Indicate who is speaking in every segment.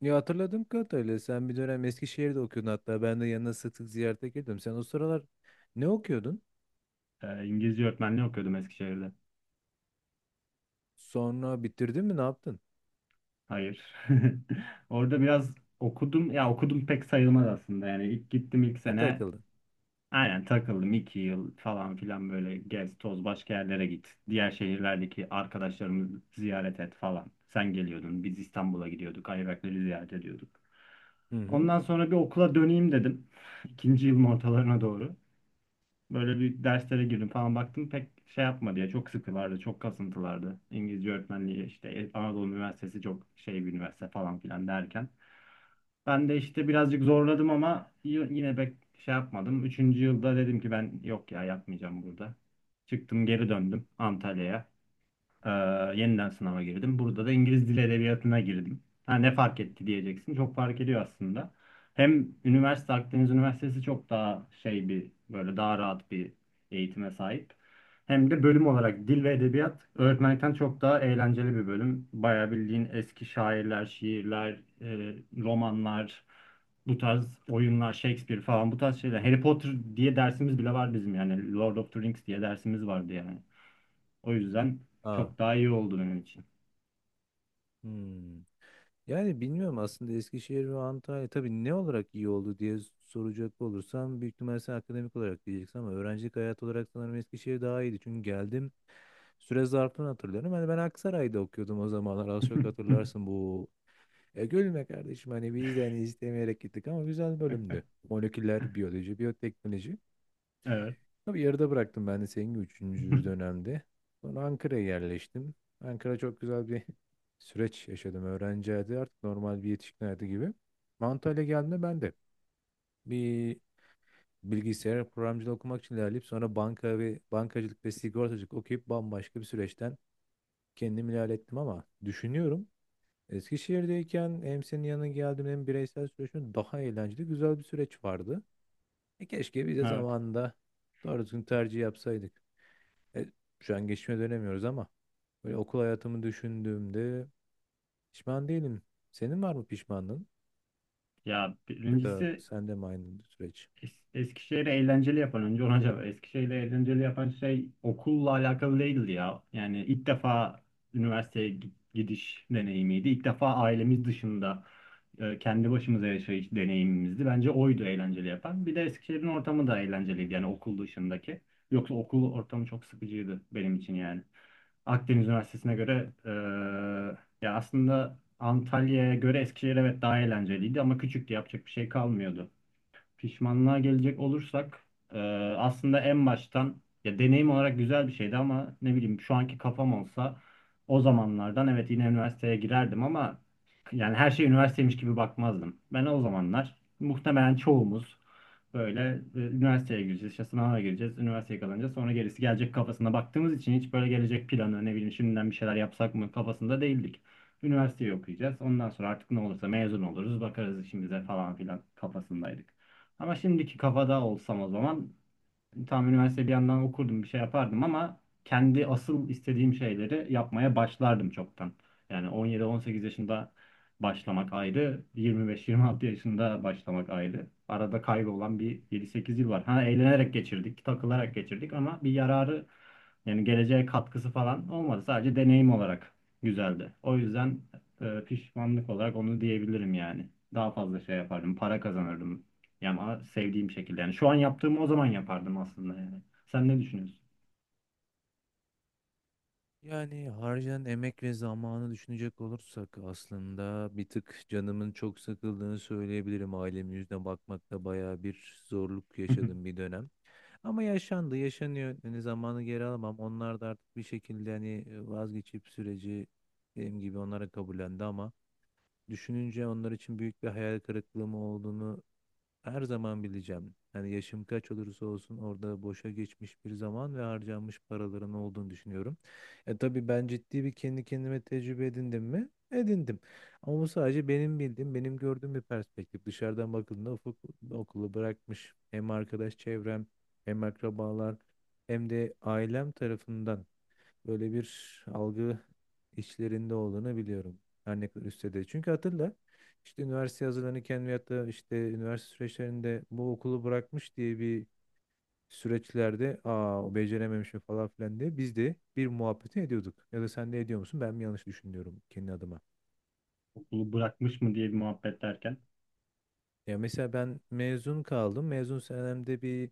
Speaker 1: Ya hatırladığım kadarıyla sen bir dönem Eskişehir'de okuyordun, hatta ben de yanına sık sık ziyarete geliyordum. Sen o sıralar ne okuyordun?
Speaker 2: İngilizce öğretmenliği okuyordum Eskişehir'de.
Speaker 1: Sonra bitirdin mi, ne yaptın?
Speaker 2: Hayır. Orada biraz okudum. Ya okudum pek sayılmaz aslında. Yani ilk gittim ilk
Speaker 1: Ha,
Speaker 2: sene.
Speaker 1: takıldın.
Speaker 2: Aynen takıldım iki yıl falan filan, böyle gez toz başka yerlere git. Diğer şehirlerdeki arkadaşlarımızı ziyaret et falan. Sen geliyordun. Biz İstanbul'a gidiyorduk. Ayvakları ziyaret ediyorduk.
Speaker 1: Hı hı.
Speaker 2: Ondan sonra bir okula döneyim dedim. İkinci yılın ortalarına doğru. Böyle bir derslere girdim falan, baktım pek şey yapmadı ya, çok sıkılardı, çok kasıntılardı. İngilizce öğretmenliği işte Anadolu Üniversitesi çok şey bir üniversite falan filan derken. Ben de işte birazcık zorladım ama yine pek şey yapmadım. Üçüncü yılda dedim ki ben yok ya, yapmayacağım burada. Çıktım geri döndüm Antalya'ya. Ee, Yeniden sınava girdim. Burada da İngiliz Dili Edebiyatı'na girdim. Ha, ne fark etti diyeceksin. Çok fark ediyor aslında. Hem üniversite Akdeniz Üniversitesi çok daha şey bir, böyle daha rahat bir eğitime sahip. Hem de bölüm olarak dil ve edebiyat öğretmenlikten çok daha eğlenceli bir bölüm. Bayağı bildiğin eski şairler, şiirler, romanlar, bu tarz oyunlar, Shakespeare falan, bu tarz şeyler. Harry Potter diye dersimiz bile var bizim yani. Lord of the Rings diye dersimiz vardı yani. O yüzden
Speaker 1: Aa.
Speaker 2: çok daha iyi oldu benim için.
Speaker 1: Hmm. Yani bilmiyorum aslında, Eskişehir ve Antalya tabii ne olarak iyi oldu diye soracak olursam büyük ihtimalle sen akademik olarak diyeceksin, ama öğrencilik hayatı olarak sanırım Eskişehir daha iyiydi. Çünkü geldim, süre zarfını hatırlıyorum. Hani ben Aksaray'da okuyordum o zamanlar, az çok hatırlarsın bu. Ya gülme kardeşim, hani biz de hani istemeyerek gittik ama güzel bölümdü. Moleküler biyoloji, biyoteknoloji.
Speaker 2: Evet.
Speaker 1: Tabii yarıda bıraktım ben de senin gibi üçüncü dönemde. Sonra Ankara'ya yerleştim. Ankara çok güzel bir süreç yaşadım. Öğrenci hayatı artık normal bir yetişkin hayatı gibi. Antalya geldiğimde ben de bir bilgisayar programcılığı okumak için ilerleyip sonra banka ve bankacılık ve sigortacılık okuyup bambaşka bir süreçten kendimi ilerlettim, ama düşünüyorum, Eskişehir'deyken hem senin yanına geldim hem bireysel süreçin daha eğlenceli, güzel bir süreç vardı. E keşke biz de
Speaker 2: Evet.
Speaker 1: zamanında doğru düzgün tercih yapsaydık. E, şu an geçmişe dönemiyoruz ama böyle okul hayatımı düşündüğümde pişman değilim. Senin var mı pişmanlığın?
Speaker 2: Ya
Speaker 1: Ya da
Speaker 2: birincisi,
Speaker 1: sende mi aynı süreç?
Speaker 2: Eskişehir'i eğlenceli yapan, önce ona cevap. Eskişehir'i eğlenceli yapan şey okulla alakalı değildi ya. Yani ilk defa üniversiteye gidiş deneyimiydi. İlk defa ailemiz dışında kendi başımıza yaşayış deneyimimizdi. Bence oydu eğlenceli yapan. Bir de Eskişehir'in ortamı da eğlenceliydi yani, okul dışındaki. Yoksa okul ortamı çok sıkıcıydı benim için yani. Akdeniz Üniversitesi'ne göre, ya aslında Antalya'ya göre Eskişehir evet daha eğlenceliydi ama küçüktü, yapacak bir şey kalmıyordu. Pişmanlığa gelecek olursak, e, aslında en baştan ya deneyim olarak güzel bir şeydi ama ne bileyim, şu anki kafam olsa o zamanlardan, evet yine üniversiteye girerdim ama yani her şey üniversiteymiş gibi bakmazdım. Ben o zamanlar, muhtemelen çoğumuz, böyle üniversiteye gireceğiz, işte sınava gireceğiz, üniversiteye kalınca sonra gerisi gelecek kafasına baktığımız için hiç böyle gelecek planı, ne bileyim, şimdiden bir şeyler yapsak mı kafasında değildik. Üniversiteyi okuyacağız. Ondan sonra artık ne olursa, mezun oluruz, bakarız işimize falan filan kafasındaydık. Ama şimdiki kafada olsam o zaman tam üniversite bir yandan okurdum, bir şey yapardım ama kendi asıl istediğim şeyleri yapmaya başlardım çoktan. Yani 17-18 yaşında başlamak ayrı, 25-26 yaşında başlamak ayrı. Arada kaybolan bir 7-8 yıl var. Ha, eğlenerek geçirdik, takılarak geçirdik ama bir yararı, yani geleceğe katkısı falan olmadı. Sadece deneyim olarak güzeldi. O yüzden pişmanlık olarak onu diyebilirim yani. Daha fazla şey yapardım, para kazanırdım yani, ama sevdiğim şekilde. Yani şu an yaptığımı o zaman yapardım aslında yani. Sen ne düşünüyorsun?
Speaker 1: Yani harcayan emek ve zamanı düşünecek olursak aslında bir tık canımın çok sıkıldığını söyleyebilirim. Ailemin yüzüne bakmakta bayağı bir zorluk yaşadım bir dönem. Ama yaşandı, yaşanıyor. Hani zamanı geri alamam. Onlar da artık bir şekilde hani vazgeçip süreci benim gibi onlara kabullendi, ama düşününce onlar için büyük bir hayal kırıklığı mı olduğunu her zaman bileceğim. Yani yaşım kaç olursa olsun orada boşa geçmiş bir zaman ve harcanmış paraların olduğunu düşünüyorum. E tabii ben ciddi bir kendi kendime tecrübe edindim mi? Edindim. Ama bu sadece benim bildiğim, benim gördüğüm bir perspektif. Dışarıdan bakıldığında ufuk okulu bırakmış. Hem arkadaş çevrem, hem akrabalar, hem de ailem tarafından böyle bir algı içlerinde olduğunu biliyorum. Her ne kadar üstte de. Çünkü hatırla, işte üniversite hazırlanırken veyahut da işte üniversite süreçlerinde bu okulu bırakmış diye bir süreçlerde, aa o becerememişim falan filan diye biz de bir muhabbeti ediyorduk. Ya da sen de ediyor musun? Ben mi yanlış düşünüyorum kendi adıma?
Speaker 2: Okulu bırakmış mı diye bir muhabbet derken.
Speaker 1: Ya mesela ben mezun kaldım. Mezun senemde bir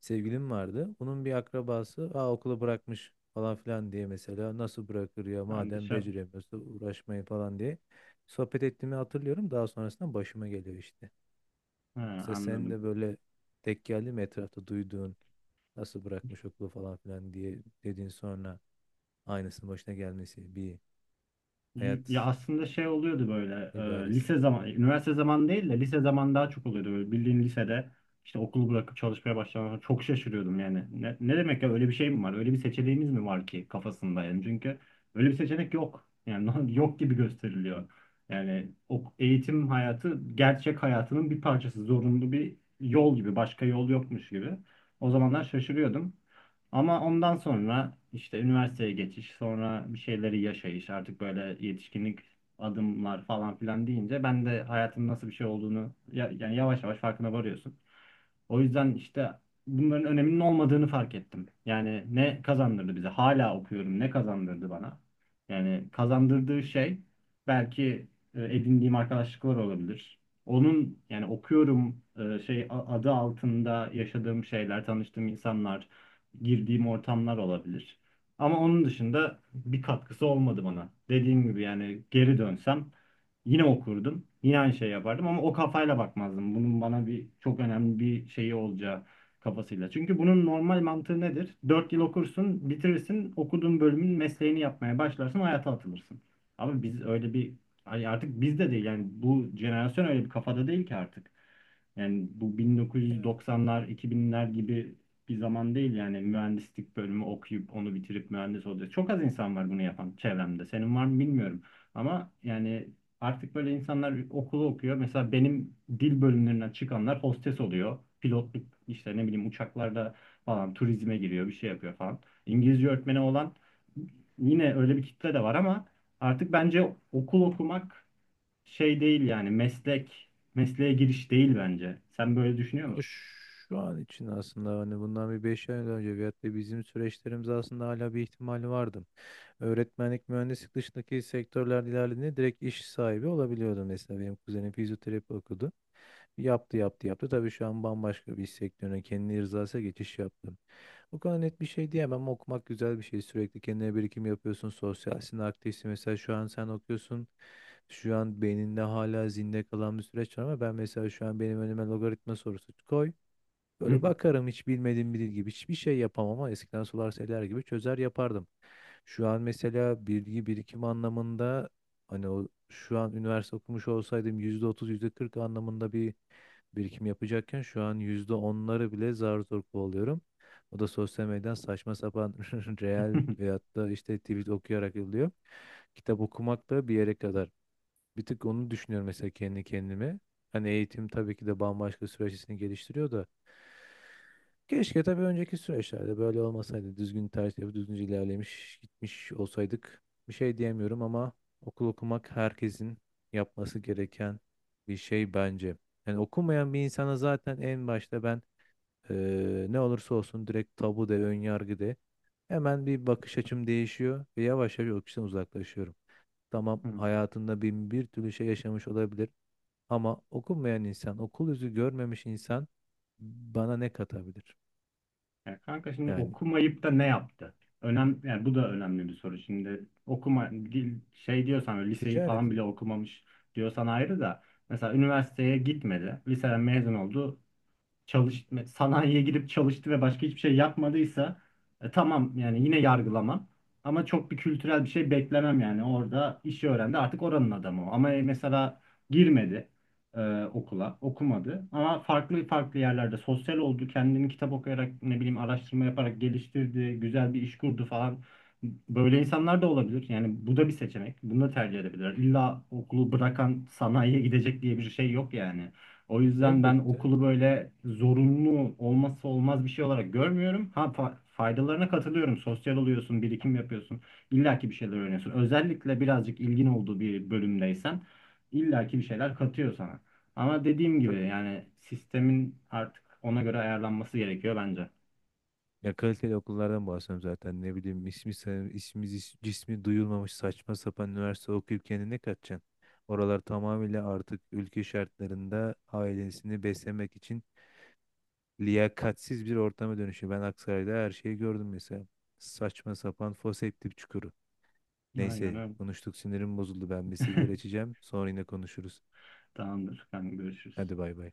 Speaker 1: sevgilim vardı. Bunun bir akrabası aa, okulu bırakmış falan filan diye, mesela nasıl bırakır ya,
Speaker 2: Ben
Speaker 1: madem
Speaker 2: dışarı...
Speaker 1: beceremiyorsa uğraşmayın falan diye sohbet ettiğimi hatırlıyorum. Daha sonrasında başıma geliyor işte.
Speaker 2: Ha,
Speaker 1: Mesela sen
Speaker 2: anladım.
Speaker 1: de böyle tek geldi mi etrafta duyduğun nasıl bırakmış okulu falan filan diye dediğin, sonra aynısının başına gelmesi bir
Speaker 2: Ya
Speaker 1: hayat
Speaker 2: aslında şey oluyordu, böyle
Speaker 1: ibaresi.
Speaker 2: lise zaman, üniversite zaman değil de lise zaman daha çok oluyordu. Böyle bildiğin lisede işte okulu bırakıp çalışmaya başlamaya çok şaşırıyordum yani. Ne demek ya, öyle bir şey mi var? Öyle bir seçeneğimiz mi var ki, kafasında yani, çünkü öyle bir seçenek yok. Yani yok gibi gösteriliyor. Yani eğitim hayatı gerçek hayatının bir parçası, zorunlu bir yol gibi, başka yol yokmuş gibi. O zamanlar şaşırıyordum. Ama ondan sonra işte üniversiteye geçiş, sonra bir şeyleri yaşayış, artık böyle yetişkinlik adımlar falan filan deyince, ben de hayatın nasıl bir şey olduğunu yani yavaş yavaş farkına varıyorsun. O yüzden işte bunların öneminin olmadığını fark ettim. Yani ne kazandırdı bize? Hala okuyorum. Ne kazandırdı bana? Yani kazandırdığı şey belki edindiğim arkadaşlıklar olabilir. Onun, yani okuyorum adı altında yaşadığım şeyler, tanıştığım insanlar, girdiğim ortamlar olabilir. Ama onun dışında bir katkısı olmadı bana. Dediğim gibi, yani geri dönsem yine okurdum. Yine aynı şey yapardım ama o kafayla bakmazdım. Bunun bana bir çok önemli bir şeyi olacağı kafasıyla. Çünkü bunun normal mantığı nedir? 4 yıl okursun, bitirirsin, okuduğun bölümün mesleğini yapmaya başlarsın, hayata atılırsın. Ama biz öyle bir, hani artık biz de değil yani, bu jenerasyon öyle bir kafada değil ki artık. Yani bu 1990'lar, 2000'ler gibi bir zaman değil yani, mühendislik bölümü okuyup onu bitirip mühendis olacak. Çok az insan var bunu yapan çevremde. Senin var mı bilmiyorum. Ama yani artık böyle insanlar okulu okuyor. Mesela benim dil bölümlerinden çıkanlar hostes oluyor. Pilotluk işte, ne bileyim, uçaklarda falan, turizme giriyor, bir şey yapıyor falan. İngilizce öğretmeni olan yine, öyle bir kitle de var ama artık bence okul okumak şey değil yani, mesleğe giriş değil bence. Sen böyle düşünüyor
Speaker 1: O
Speaker 2: musun?
Speaker 1: Şu an için aslında hani bundan bir 5 ay önce veyahut da bizim süreçlerimiz aslında hala bir ihtimali vardı. Öğretmenlik, mühendislik dışındaki sektörler ilerlediğinde direkt iş sahibi olabiliyordu. Mesela benim kuzenim fizyoterapi okudu. Yaptı, yaptı, yaptı. Tabii şu an bambaşka bir iş sektörüne kendi rızasıyla geçiş yaptı. O kadar net bir şey diyemem ama okumak güzel bir şey. Sürekli kendine birikim yapıyorsun. Sosyalsin, aktifsin. Mesela şu an sen okuyorsun. Şu an beyninde hala zinde kalan bir süreç var, ama ben mesela şu an benim önüme logaritma sorusu koy. Böyle bakarım hiç bilmediğim biri gibi, hiçbir şey yapamam, ama eskiden sular seller gibi çözer yapardım. Şu an mesela bilgi birikim anlamında, hani o şu an üniversite okumuş olsaydım %30 yüzde kırk anlamında bir birikim yapacakken, şu an yüzde onları bile zar zor kovalıyorum. O da sosyal medyadan saçma sapan reel veyahut da işte tweet okuyarak oluyor. Kitap okumak da bir yere kadar. Bir tık onu düşünüyorum mesela kendi kendime. Hani eğitim tabii ki de bambaşka süreçlerini geliştiriyor da, keşke tabii önceki süreçlerde böyle olmasaydı. Düzgün tercih yapıp düzgünce ilerlemiş gitmiş olsaydık. Bir şey diyemiyorum, ama okul okumak herkesin yapması gereken bir şey bence. Yani okumayan bir insana zaten en başta ben ne olursa olsun direkt tabu de, ön yargı de. Hemen bir bakış açım değişiyor ve yavaş yavaş o kişiden uzaklaşıyorum. Tamam, hayatında bin bir türlü şey yaşamış olabilir ama okumayan insan, okul yüzü görmemiş insan bana ne katabilir?
Speaker 2: Ya kanka, şimdi
Speaker 1: Yani
Speaker 2: okumayıp da ne yaptı? Yani bu da önemli bir soru. Şimdi okuma şey diyorsan, öyle liseyi
Speaker 1: Ticaret.
Speaker 2: falan bile okumamış diyorsan ayrı da, mesela üniversiteye gitmedi. Liseden mezun oldu, çalıştı, sanayiye girip çalıştı ve başka hiçbir şey yapmadıysa, tamam yani, yine yargılamam. Ama çok bir kültürel bir şey beklemem yani. Orada işi öğrendi. Artık oranın adamı o. Ama mesela girmedi okula, okumadı. Ama farklı farklı yerlerde sosyal oldu. Kendini kitap okuyarak, ne bileyim, araştırma yaparak geliştirdi. Güzel bir iş kurdu falan. Böyle insanlar da olabilir. Yani bu da bir seçenek. Bunu da tercih edebilirler. İlla okulu bırakan sanayiye gidecek diye bir şey yok yani. O yüzden ben
Speaker 1: Elbette.
Speaker 2: okulu böyle zorunlu, olmazsa olmaz bir şey olarak görmüyorum. Ha, faydalarına katılıyorum. Sosyal oluyorsun, birikim yapıyorsun. İlla ki bir şeyler öğreniyorsun. Özellikle birazcık ilgin olduğu bir bölümdeysen illa ki bir şeyler katıyor sana. Ama dediğim gibi,
Speaker 1: Tabii.
Speaker 2: yani sistemin artık ona göre ayarlanması gerekiyor bence.
Speaker 1: Ya kaliteli okullardan bahsediyorum zaten. Ne bileyim, ismi, ismi cismi duyulmamış saçma sapan üniversite okuyup kendine ne katacaksın? Oralar tamamıyla artık ülke şartlarında ailesini beslemek için liyakatsiz bir ortama dönüşüyor. Ben Aksaray'da her şeyi gördüm mesela. Saçma sapan foseptik çukuru.
Speaker 2: Aynen
Speaker 1: Neyse,
Speaker 2: öyle.
Speaker 1: konuştuk, sinirim bozuldu. Ben bir sigara içeceğim. Sonra yine konuşuruz.
Speaker 2: Tamamdır. Ben görüşürüz.
Speaker 1: Hadi bay bay.